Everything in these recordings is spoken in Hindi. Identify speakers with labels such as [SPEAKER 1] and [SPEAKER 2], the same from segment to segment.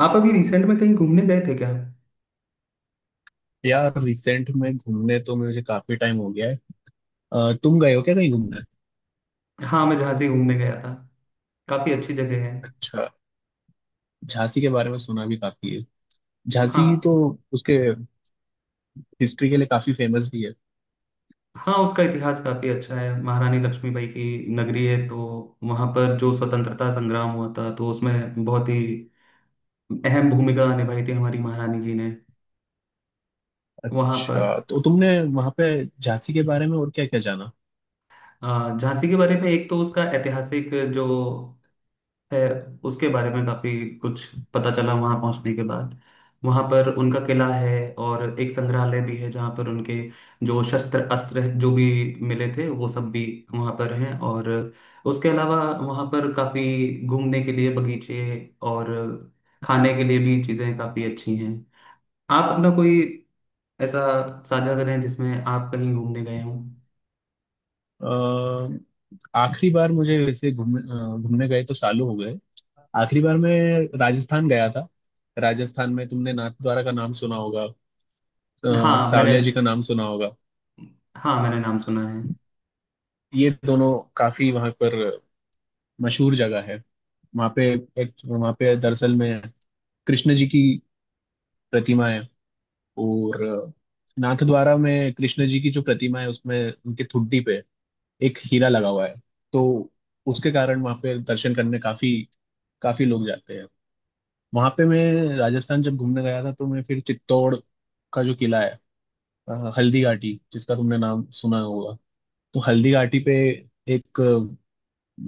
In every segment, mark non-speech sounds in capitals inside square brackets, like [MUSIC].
[SPEAKER 1] आप अभी रिसेंट में कहीं घूमने गए थे क्या।
[SPEAKER 2] यार रिसेंट में घूमने तो मुझे काफी टाइम हो गया है। तुम गए हो क्या कहीं घूमने?
[SPEAKER 1] हाँ, मैं झांसी घूमने गया था। काफी अच्छी जगह है।
[SPEAKER 2] अच्छा। झांसी के बारे में सुना भी काफी है। झांसी तो
[SPEAKER 1] हाँ।
[SPEAKER 2] उसके हिस्ट्री के लिए काफी फेमस भी है।
[SPEAKER 1] हाँ, उसका इतिहास काफी अच्छा है। महारानी लक्ष्मीबाई की नगरी है, तो वहां पर जो स्वतंत्रता संग्राम हुआ था तो उसमें बहुत ही अहम भूमिका निभाई थी हमारी महारानी जी ने वहां पर।
[SPEAKER 2] अच्छा, तो तुमने वहां पे झांसी के बारे में और क्या क्या जाना?
[SPEAKER 1] झांसी के बारे में एक तो उसका ऐतिहासिक जो है उसके बारे में काफी कुछ पता चला वहां पहुंचने के बाद। वहां पर उनका किला है और एक संग्रहालय भी है जहां पर उनके जो शस्त्र अस्त्र जो भी मिले थे वो सब भी वहां पर हैं। और उसके अलावा वहां पर काफी घूमने के लिए बगीचे और खाने के लिए भी चीजें काफी अच्छी हैं। आप अपना कोई ऐसा साझा करें जिसमें आप कहीं घूमने गए हों।
[SPEAKER 2] अ, आखिरी बार मुझे वैसे घूमने गए तो सालों हो गए। आखिरी बार मैं राजस्थान गया था। राजस्थान में तुमने नाथ द्वारा का नाम सुना होगा।
[SPEAKER 1] हाँ मैंने,
[SPEAKER 2] सावलिया जी का नाम सुना होगा।
[SPEAKER 1] हाँ मैंने नाम सुना है।
[SPEAKER 2] ये दोनों काफी वहां पर मशहूर जगह है। वहां पे वहां पे दरअसल में कृष्ण जी की प्रतिमा है। और नाथद्वारा में कृष्ण जी की जो प्रतिमा है उसमें उनके ठुड्डी पे एक हीरा लगा हुआ है। तो उसके कारण वहां पे दर्शन करने काफी काफी लोग जाते हैं। वहां पे मैं राजस्थान जब घूमने गया था तो मैं फिर चित्तौड़ का जो किला है, हल्दी घाटी जिसका तुमने नाम सुना होगा। तो हल्दी घाटी पे एक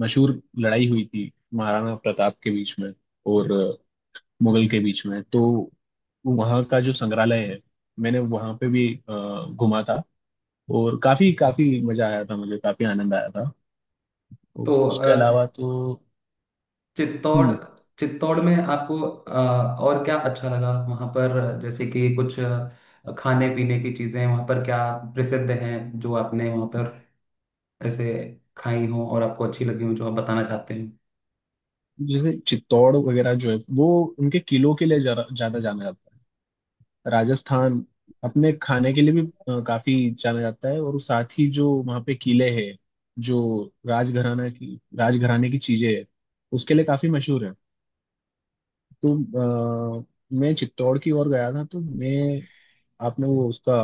[SPEAKER 2] मशहूर लड़ाई हुई थी महाराणा प्रताप के बीच में और मुगल के बीच में। तो वहाँ का जो संग्रहालय है, मैंने वहाँ पे भी घूमा था। और काफी काफी मजा आया था, मुझे काफी आनंद आया था। और
[SPEAKER 1] तो
[SPEAKER 2] उसके अलावा तो।
[SPEAKER 1] चित्तौड़,
[SPEAKER 2] हम्म।
[SPEAKER 1] चित्तौड़ में आपको और क्या अच्छा लगा वहाँ पर? जैसे कि कुछ खाने पीने की चीजें वहाँ पर क्या प्रसिद्ध हैं जो आपने वहाँ पर ऐसे खाई हो और आपको अच्छी लगी हो, जो आप बताना चाहते हैं।
[SPEAKER 2] जैसे चित्तौड़ वगैरह जो है वो उनके किलों के लिए ज्यादा ज्यादा जाना जाता है। राजस्थान अपने खाने के लिए भी काफी जाना जाता है, और साथ ही जो वहाँ पे किले हैं, जो राजघराना की राजघराने की चीजें हैं उसके लिए काफी मशहूर है। तो मैं चित्तौड़ की ओर गया था, तो मैं आपने वो उसका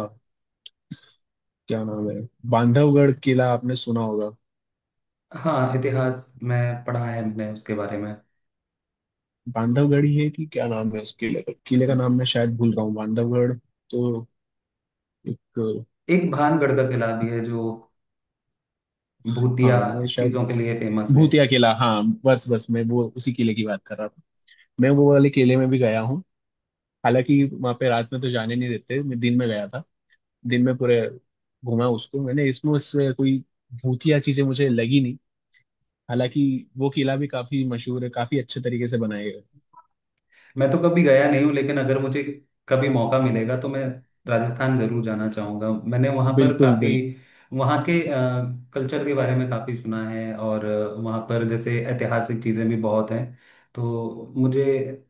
[SPEAKER 2] क्या नाम है, बांधवगढ़ किला आपने सुना होगा?
[SPEAKER 1] हाँ, इतिहास में पढ़ा है मैंने उसके बारे में।
[SPEAKER 2] बांधवगढ़ ही है कि क्या नाम है उस किले का नाम मैं शायद भूल रहा हूँ, बांधवगढ़। तो एक।
[SPEAKER 1] एक भानगढ़ का किला भी है जो
[SPEAKER 2] हाँ,
[SPEAKER 1] भूतिया
[SPEAKER 2] मैं शायद
[SPEAKER 1] चीजों के लिए फेमस है।
[SPEAKER 2] भूतिया किला, हाँ बस बस मैं वो उसी किले की बात कर रहा था। मैं वो वाले किले में भी गया हूँ। हालांकि वहां पे रात में तो जाने नहीं देते, मैं दिन में गया था। दिन में पूरे घूमा उसको मैंने, इसमें उससे कोई भूतिया चीजें मुझे लगी नहीं। हालांकि वो किला भी काफी मशहूर है, काफी अच्छे तरीके से बनाया गया है।
[SPEAKER 1] मैं तो कभी गया नहीं हूँ, लेकिन अगर मुझे कभी मौका मिलेगा तो मैं राजस्थान जरूर जाना चाहूँगा। मैंने वहाँ पर
[SPEAKER 2] बिल्कुल
[SPEAKER 1] काफ़ी, वहाँ के कल्चर के बारे में काफ़ी सुना है। और वहाँ पर जैसे ऐतिहासिक चीज़ें भी बहुत हैं, तो मुझे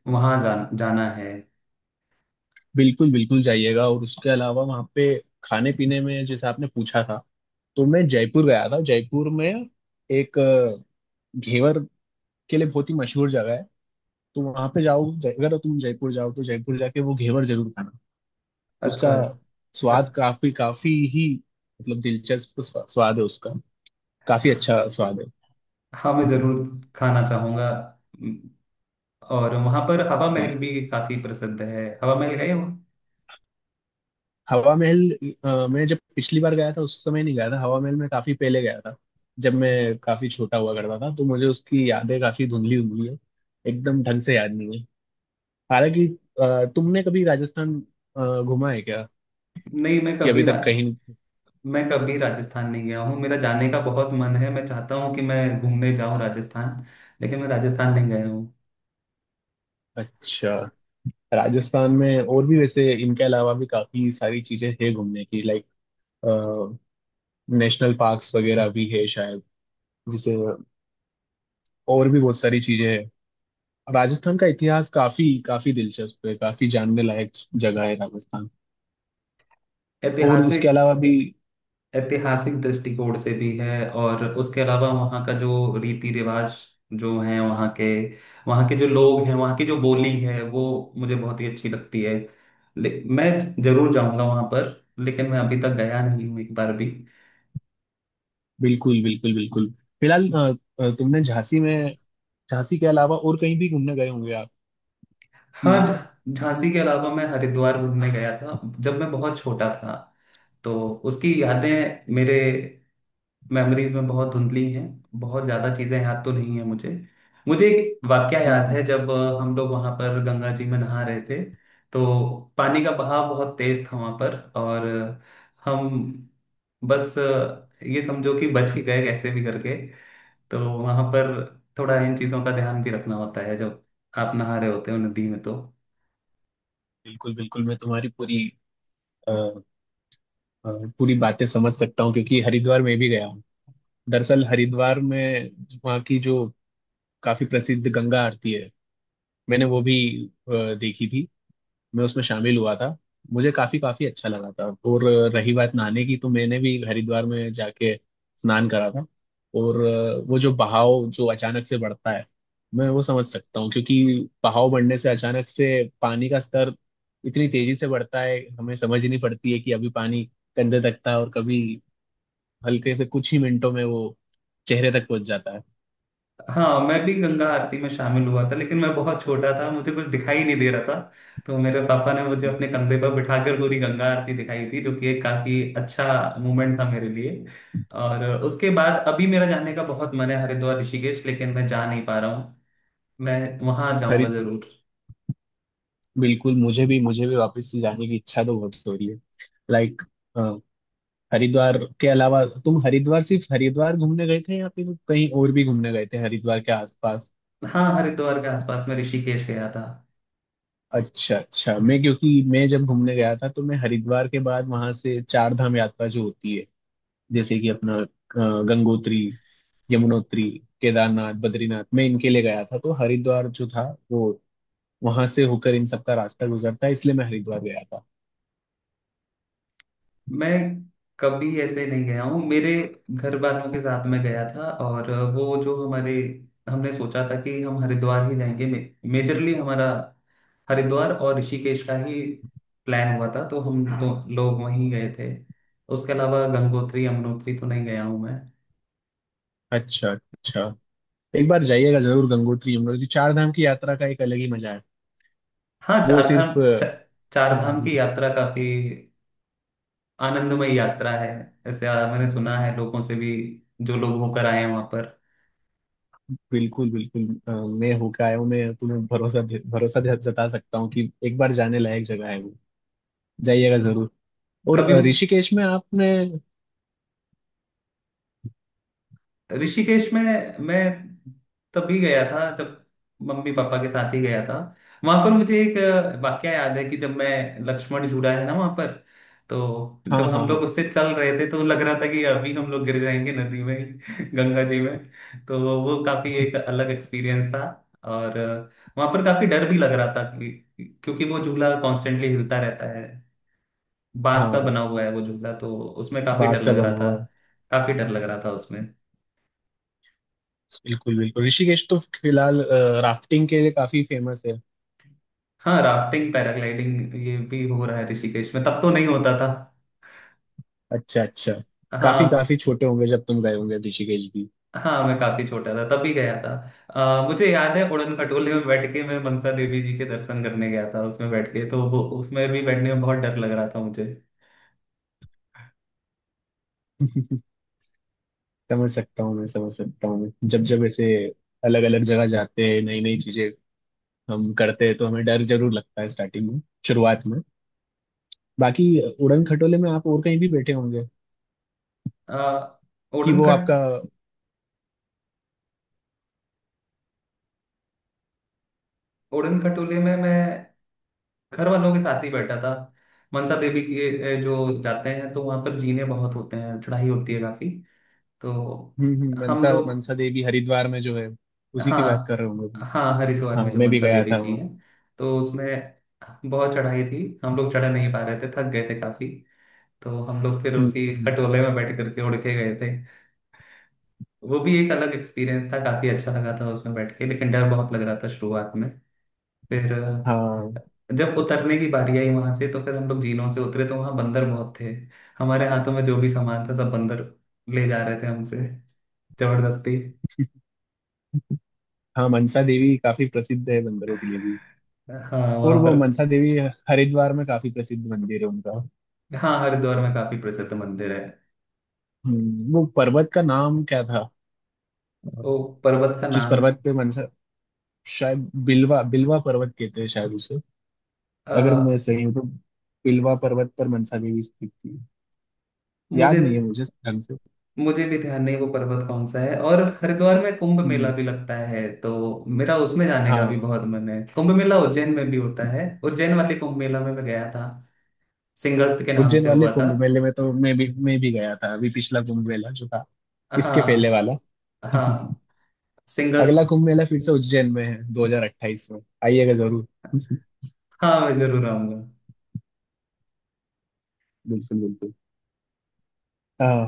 [SPEAKER 1] वहाँ जाना है।
[SPEAKER 2] बिल्कुल बिल्कुल जाइएगा, और उसके अलावा वहाँ पे खाने पीने में जैसे आपने पूछा था, तो मैं जयपुर गया था। जयपुर में एक घेवर के लिए बहुत ही मशहूर जगह है। तो वहां पे जाओ, अगर तुम जयपुर जाओ तो जयपुर जाके वो घेवर जरूर खाना। उसका
[SPEAKER 1] अच्छा। अ-
[SPEAKER 2] स्वाद काफी काफी ही मतलब दिलचस्प स्वाद है उसका। काफी अच्छा स्वाद है।
[SPEAKER 1] हाँ मैं ज़रूर खाना चाहूँगा। और वहाँ पर हवा महल
[SPEAKER 2] बिल्कुल।
[SPEAKER 1] भी काफ़ी प्रसिद्ध है। हवा महल गए हो?
[SPEAKER 2] हवा महल, मैं जब पिछली बार गया था उस समय नहीं गया था, हवा महल में काफी पहले गया था। जब मैं काफी छोटा हुआ करता था तो मुझे उसकी यादें काफी धुंधली धुंधली है, एकदम ढंग से याद नहीं है। हालांकि तुमने कभी राजस्थान घूमा है क्या,
[SPEAKER 1] नहीं,
[SPEAKER 2] कि अभी तक कहीं?
[SPEAKER 1] मैं कभी राजस्थान नहीं गया हूँ। मेरा जाने का बहुत मन है, मैं चाहता हूँ कि मैं घूमने जाऊँ राजस्थान, लेकिन मैं राजस्थान नहीं गया हूँ।
[SPEAKER 2] अच्छा। राजस्थान में और भी वैसे इनके अलावा भी काफी सारी चीजें हैं घूमने की। लाइक नेशनल पार्क्स वगैरह भी है शायद, जिसे, और भी बहुत सारी चीजें हैं। राजस्थान का इतिहास काफी काफी दिलचस्प है, काफी जानने लायक जगह है राजस्थान। और उसके
[SPEAKER 1] ऐतिहासिक,
[SPEAKER 2] अलावा भी।
[SPEAKER 1] ऐतिहासिक दृष्टिकोण से भी है और उसके अलावा वहाँ का जो रीति रिवाज जो है, वहाँ के, वहाँ के जो लोग हैं, वहाँ की जो बोली है, वो मुझे बहुत ही अच्छी लगती है। मैं जरूर जाऊँगा वहाँ पर, लेकिन मैं अभी तक गया नहीं हूँ एक बार भी।
[SPEAKER 2] बिल्कुल बिल्कुल बिल्कुल। फिलहाल तुमने झांसी के अलावा और कहीं भी घूमने गए होंगे आप, कि?
[SPEAKER 1] हाँ, झांसी के अलावा मैं हरिद्वार घूमने गया था जब मैं बहुत छोटा था। तो उसकी यादें मेरे, मेमोरीज में बहुत धुंधली हैं। बहुत ज़्यादा चीज़ें याद तो नहीं है मुझे। मुझे एक वाकया याद
[SPEAKER 2] हम्म।
[SPEAKER 1] है जब हम लोग वहाँ पर गंगा जी में नहा रहे थे, तो पानी का बहाव बहुत तेज था वहाँ पर। और हम बस, ये समझो कि बच ही गए कैसे भी करके। तो वहाँ पर थोड़ा इन चीज़ों का ध्यान भी रखना होता है जब आप नहा रहे होते हो नदी में तो।
[SPEAKER 2] बिल्कुल बिल्कुल, मैं तुम्हारी अ, अ, पूरी बातें समझ सकता हूँ क्योंकि हरिद्वार में भी गया हूँ। दरअसल हरिद्वार में वहाँ की जो काफी प्रसिद्ध गंगा आरती है, मैंने वो भी देखी थी। मैं उसमें शामिल हुआ था, मुझे काफी काफी अच्छा लगा था। और रही बात नहाने की, तो मैंने भी हरिद्वार में जाके स्नान करा था। और वो जो बहाव जो अचानक से बढ़ता है, मैं वो समझ सकता हूँ क्योंकि बहाव बढ़ने से अचानक से पानी का स्तर इतनी तेजी से बढ़ता है, हमें समझ ही नहीं पड़ती है कि अभी पानी कंधे तक था और कभी हल्के से कुछ ही मिनटों में वो चेहरे तक पहुंच जाता है।
[SPEAKER 1] हाँ मैं भी गंगा आरती में शामिल हुआ था, लेकिन मैं बहुत छोटा था, मुझे कुछ दिखाई नहीं दे रहा था। तो मेरे पापा ने मुझे अपने कंधे पर बिठाकर पूरी गंगा आरती दिखाई थी, जो कि एक काफी अच्छा मोमेंट था मेरे लिए। और उसके बाद अभी मेरा जाने का बहुत मन है हरिद्वार ऋषिकेश, लेकिन मैं जा नहीं पा रहा हूँ। मैं वहां जाऊंगा
[SPEAKER 2] खरीद।
[SPEAKER 1] जरूर।
[SPEAKER 2] बिल्कुल, मुझे भी वापस से जाने की इच्छा तो बहुत हो रही है। लाइक, हरिद्वार के अलावा तुम हरिद्वार सिर्फ हरिद्वार घूमने गए थे, या फिर कहीं और भी घूमने गए थे हरिद्वार के आसपास?
[SPEAKER 1] हाँ, हरिद्वार के आसपास में ऋषिकेश गया था।
[SPEAKER 2] अच्छा अच्छा। मैं, क्योंकि मैं जब घूमने गया था तो मैं हरिद्वार के बाद वहां से चार धाम यात्रा जो होती है, जैसे कि अपना गंगोत्री, यमुनोत्री, केदारनाथ, बद्रीनाथ, मैं इनके लिए गया था। तो हरिद्वार जो था वो वहां से होकर इन सबका रास्ता गुजरता है, इसलिए मैं हरिद्वार गया था।
[SPEAKER 1] मैं कभी ऐसे नहीं गया हूँ, मेरे घर वालों के साथ में गया था। और वो जो हमारे, हमने सोचा था कि हम हरिद्वार ही जाएंगे, मेजरली हमारा हरिद्वार और ऋषिकेश का ही प्लान हुआ था, तो हम दो लोग वहीं गए थे। उसके अलावा गंगोत्री यमुनोत्री तो नहीं गया हूँ मैं।
[SPEAKER 2] अच्छा अच्छा। एक बार जाइएगा जरूर, गंगोत्री यमुनोत्री चार धाम की यात्रा का एक अलग ही मजा है।
[SPEAKER 1] हाँ,
[SPEAKER 2] वो सिर्फ।
[SPEAKER 1] चारधाम की यात्रा काफी आनंदमय यात्रा है, ऐसे मैंने सुना है लोगों से भी, जो लोग होकर आए हैं वहां पर।
[SPEAKER 2] बिल्कुल बिल्कुल, मैं होके आया हूँ, मैं तुम्हें भरोसा जता सकता हूँ कि एक बार जाने लायक जगह है वो। जाइएगा जरूर। और
[SPEAKER 1] कभी,
[SPEAKER 2] ऋषिकेश में आपने।
[SPEAKER 1] ऋषिकेश में मैं तभी गया था जब मम्मी पापा के साथ ही गया था। वहां पर मुझे एक वाकया याद है कि जब मैं, लक्ष्मण झूला है ना वहां पर, तो
[SPEAKER 2] हाँ
[SPEAKER 1] जब
[SPEAKER 2] हाँ
[SPEAKER 1] हम
[SPEAKER 2] हाँ।
[SPEAKER 1] लोग उससे चल रहे थे तो लग रहा था कि अभी हम लोग गिर जाएंगे नदी में [LAUGHS] गंगा जी में। तो वो काफी एक अलग एक्सपीरियंस था। और वहां पर काफी डर भी लग रहा था कि, क्योंकि वो झूला कॉन्स्टेंटली हिलता रहता है, बांस का
[SPEAKER 2] हाँ,
[SPEAKER 1] बना हुआ है वो झूला, तो उसमें काफी
[SPEAKER 2] बांस
[SPEAKER 1] डर
[SPEAKER 2] का
[SPEAKER 1] लग रहा
[SPEAKER 2] बना
[SPEAKER 1] था।
[SPEAKER 2] हुआ है।
[SPEAKER 1] काफी डर लग रहा था उसमें।
[SPEAKER 2] बिल्कुल बिल्कुल, ऋषिकेश तो फिलहाल राफ्टिंग के लिए काफी फेमस है।
[SPEAKER 1] हाँ, राफ्टिंग पैराग्लाइडिंग ये भी हो रहा है ऋषिकेश में, तब तो नहीं होता था।
[SPEAKER 2] अच्छा अच्छा। काफी
[SPEAKER 1] हाँ।
[SPEAKER 2] काफी छोटे होंगे जब तुम गए होंगे ऋषिकेश भी।
[SPEAKER 1] हाँ, मैं काफी छोटा था तब भी गया था। मुझे याद है उड़न खटोले में बैठ के मैं मनसा देवी जी के दर्शन करने गया था, उसमें बैठ के, तो वो उसमें भी बैठने में बहुत डर लग रहा था मुझे।
[SPEAKER 2] समझ सकता हूँ मैं, समझ सकता हूँ मैं। जब जब ऐसे अलग अलग जगह जाते हैं, नई नई चीजें हम करते हैं, तो हमें डर जरूर लगता है स्टार्टिंग में, शुरुआत में। बाकी उड़न खटोले में आप और कहीं भी बैठे होंगे,
[SPEAKER 1] अ,
[SPEAKER 2] कि
[SPEAKER 1] उड़न
[SPEAKER 2] वो
[SPEAKER 1] खट
[SPEAKER 2] आपका।
[SPEAKER 1] उड़न खटोले में मैं घर वालों के साथ ही बैठा था। मनसा देवी के जो जाते हैं तो वहां पर जीने बहुत होते हैं, चढ़ाई होती है काफी, तो हम
[SPEAKER 2] मनसा
[SPEAKER 1] लोग,
[SPEAKER 2] मनसा देवी हरिद्वार में जो है उसी की बात कर
[SPEAKER 1] हाँ।
[SPEAKER 2] रहे होंगे तुम।
[SPEAKER 1] हाँ, हरिद्वार में
[SPEAKER 2] हाँ,
[SPEAKER 1] जो
[SPEAKER 2] मैं भी
[SPEAKER 1] मनसा
[SPEAKER 2] गया
[SPEAKER 1] देवी
[SPEAKER 2] था
[SPEAKER 1] जी
[SPEAKER 2] वहाँ।
[SPEAKER 1] हैं, तो उसमें बहुत चढ़ाई थी, हम लोग चढ़ नहीं पा रहे थे, थक गए थे काफी, तो हम लोग फिर उसी
[SPEAKER 2] हम्म।
[SPEAKER 1] खटोले में बैठ करके उड़ के गए थे। वो भी एक अलग एक्सपीरियंस था, काफी अच्छा लगा था उसमें बैठ के, लेकिन डर बहुत लग रहा था शुरुआत में। फिर
[SPEAKER 2] हाँ।
[SPEAKER 1] जब उतरने की बारी आई वहां से, तो फिर हम लोग झीलों से उतरे तो वहां बंदर बहुत थे। हमारे हाथों में जो भी सामान था सब बंदर ले जा रहे थे हमसे जबरदस्ती।
[SPEAKER 2] हाँ, मनसा देवी काफी प्रसिद्ध है बंदरों के लिए भी।
[SPEAKER 1] हाँ,
[SPEAKER 2] और
[SPEAKER 1] वहां
[SPEAKER 2] वो
[SPEAKER 1] पर।
[SPEAKER 2] मनसा देवी हरिद्वार में काफी प्रसिद्ध मंदिर है उनका।
[SPEAKER 1] हाँ, हरिद्वार में काफी प्रसिद्ध मंदिर है।
[SPEAKER 2] वो पर्वत का नाम क्या था?
[SPEAKER 1] वो पर्वत का
[SPEAKER 2] जिस
[SPEAKER 1] नाम,
[SPEAKER 2] पर्वत पे मनसा, शायद बिलवा बिलवा पर्वत कहते हैं शायद उसे,
[SPEAKER 1] अ,
[SPEAKER 2] अगर मैं सही हूँ तो। बिलवा पर्वत पर मनसा देवी स्थित थी, याद
[SPEAKER 1] मुझे,
[SPEAKER 2] नहीं है मुझे ढंग से।
[SPEAKER 1] मुझे भी ध्यान नहीं वो पर्वत कौन सा है। और हरिद्वार में कुंभ मेला
[SPEAKER 2] हम्म,
[SPEAKER 1] भी लगता है, तो मेरा उसमें जाने का भी
[SPEAKER 2] हाँ।
[SPEAKER 1] बहुत मन है। कुंभ मेला उज्जैन में भी होता है, उज्जैन वाले कुंभ मेला में मैं गया था, सिंहस्थ के नाम
[SPEAKER 2] उज्जैन
[SPEAKER 1] से
[SPEAKER 2] वाले
[SPEAKER 1] हुआ था।
[SPEAKER 2] कुंभ मेले में तो मैं भी गया था, अभी पिछला कुंभ मेला जो था, इसके पहले
[SPEAKER 1] हाँ।
[SPEAKER 2] वाला।
[SPEAKER 1] हाँ,
[SPEAKER 2] [LAUGHS]
[SPEAKER 1] सिंहस्थ।
[SPEAKER 2] अगला कुंभ मेला फिर से उज्जैन में है 2028 में, आइएगा जरूर।
[SPEAKER 1] हाँ, मैं जरूर आऊंगा।
[SPEAKER 2] बिल्कुल बिल्कुल। हाँ।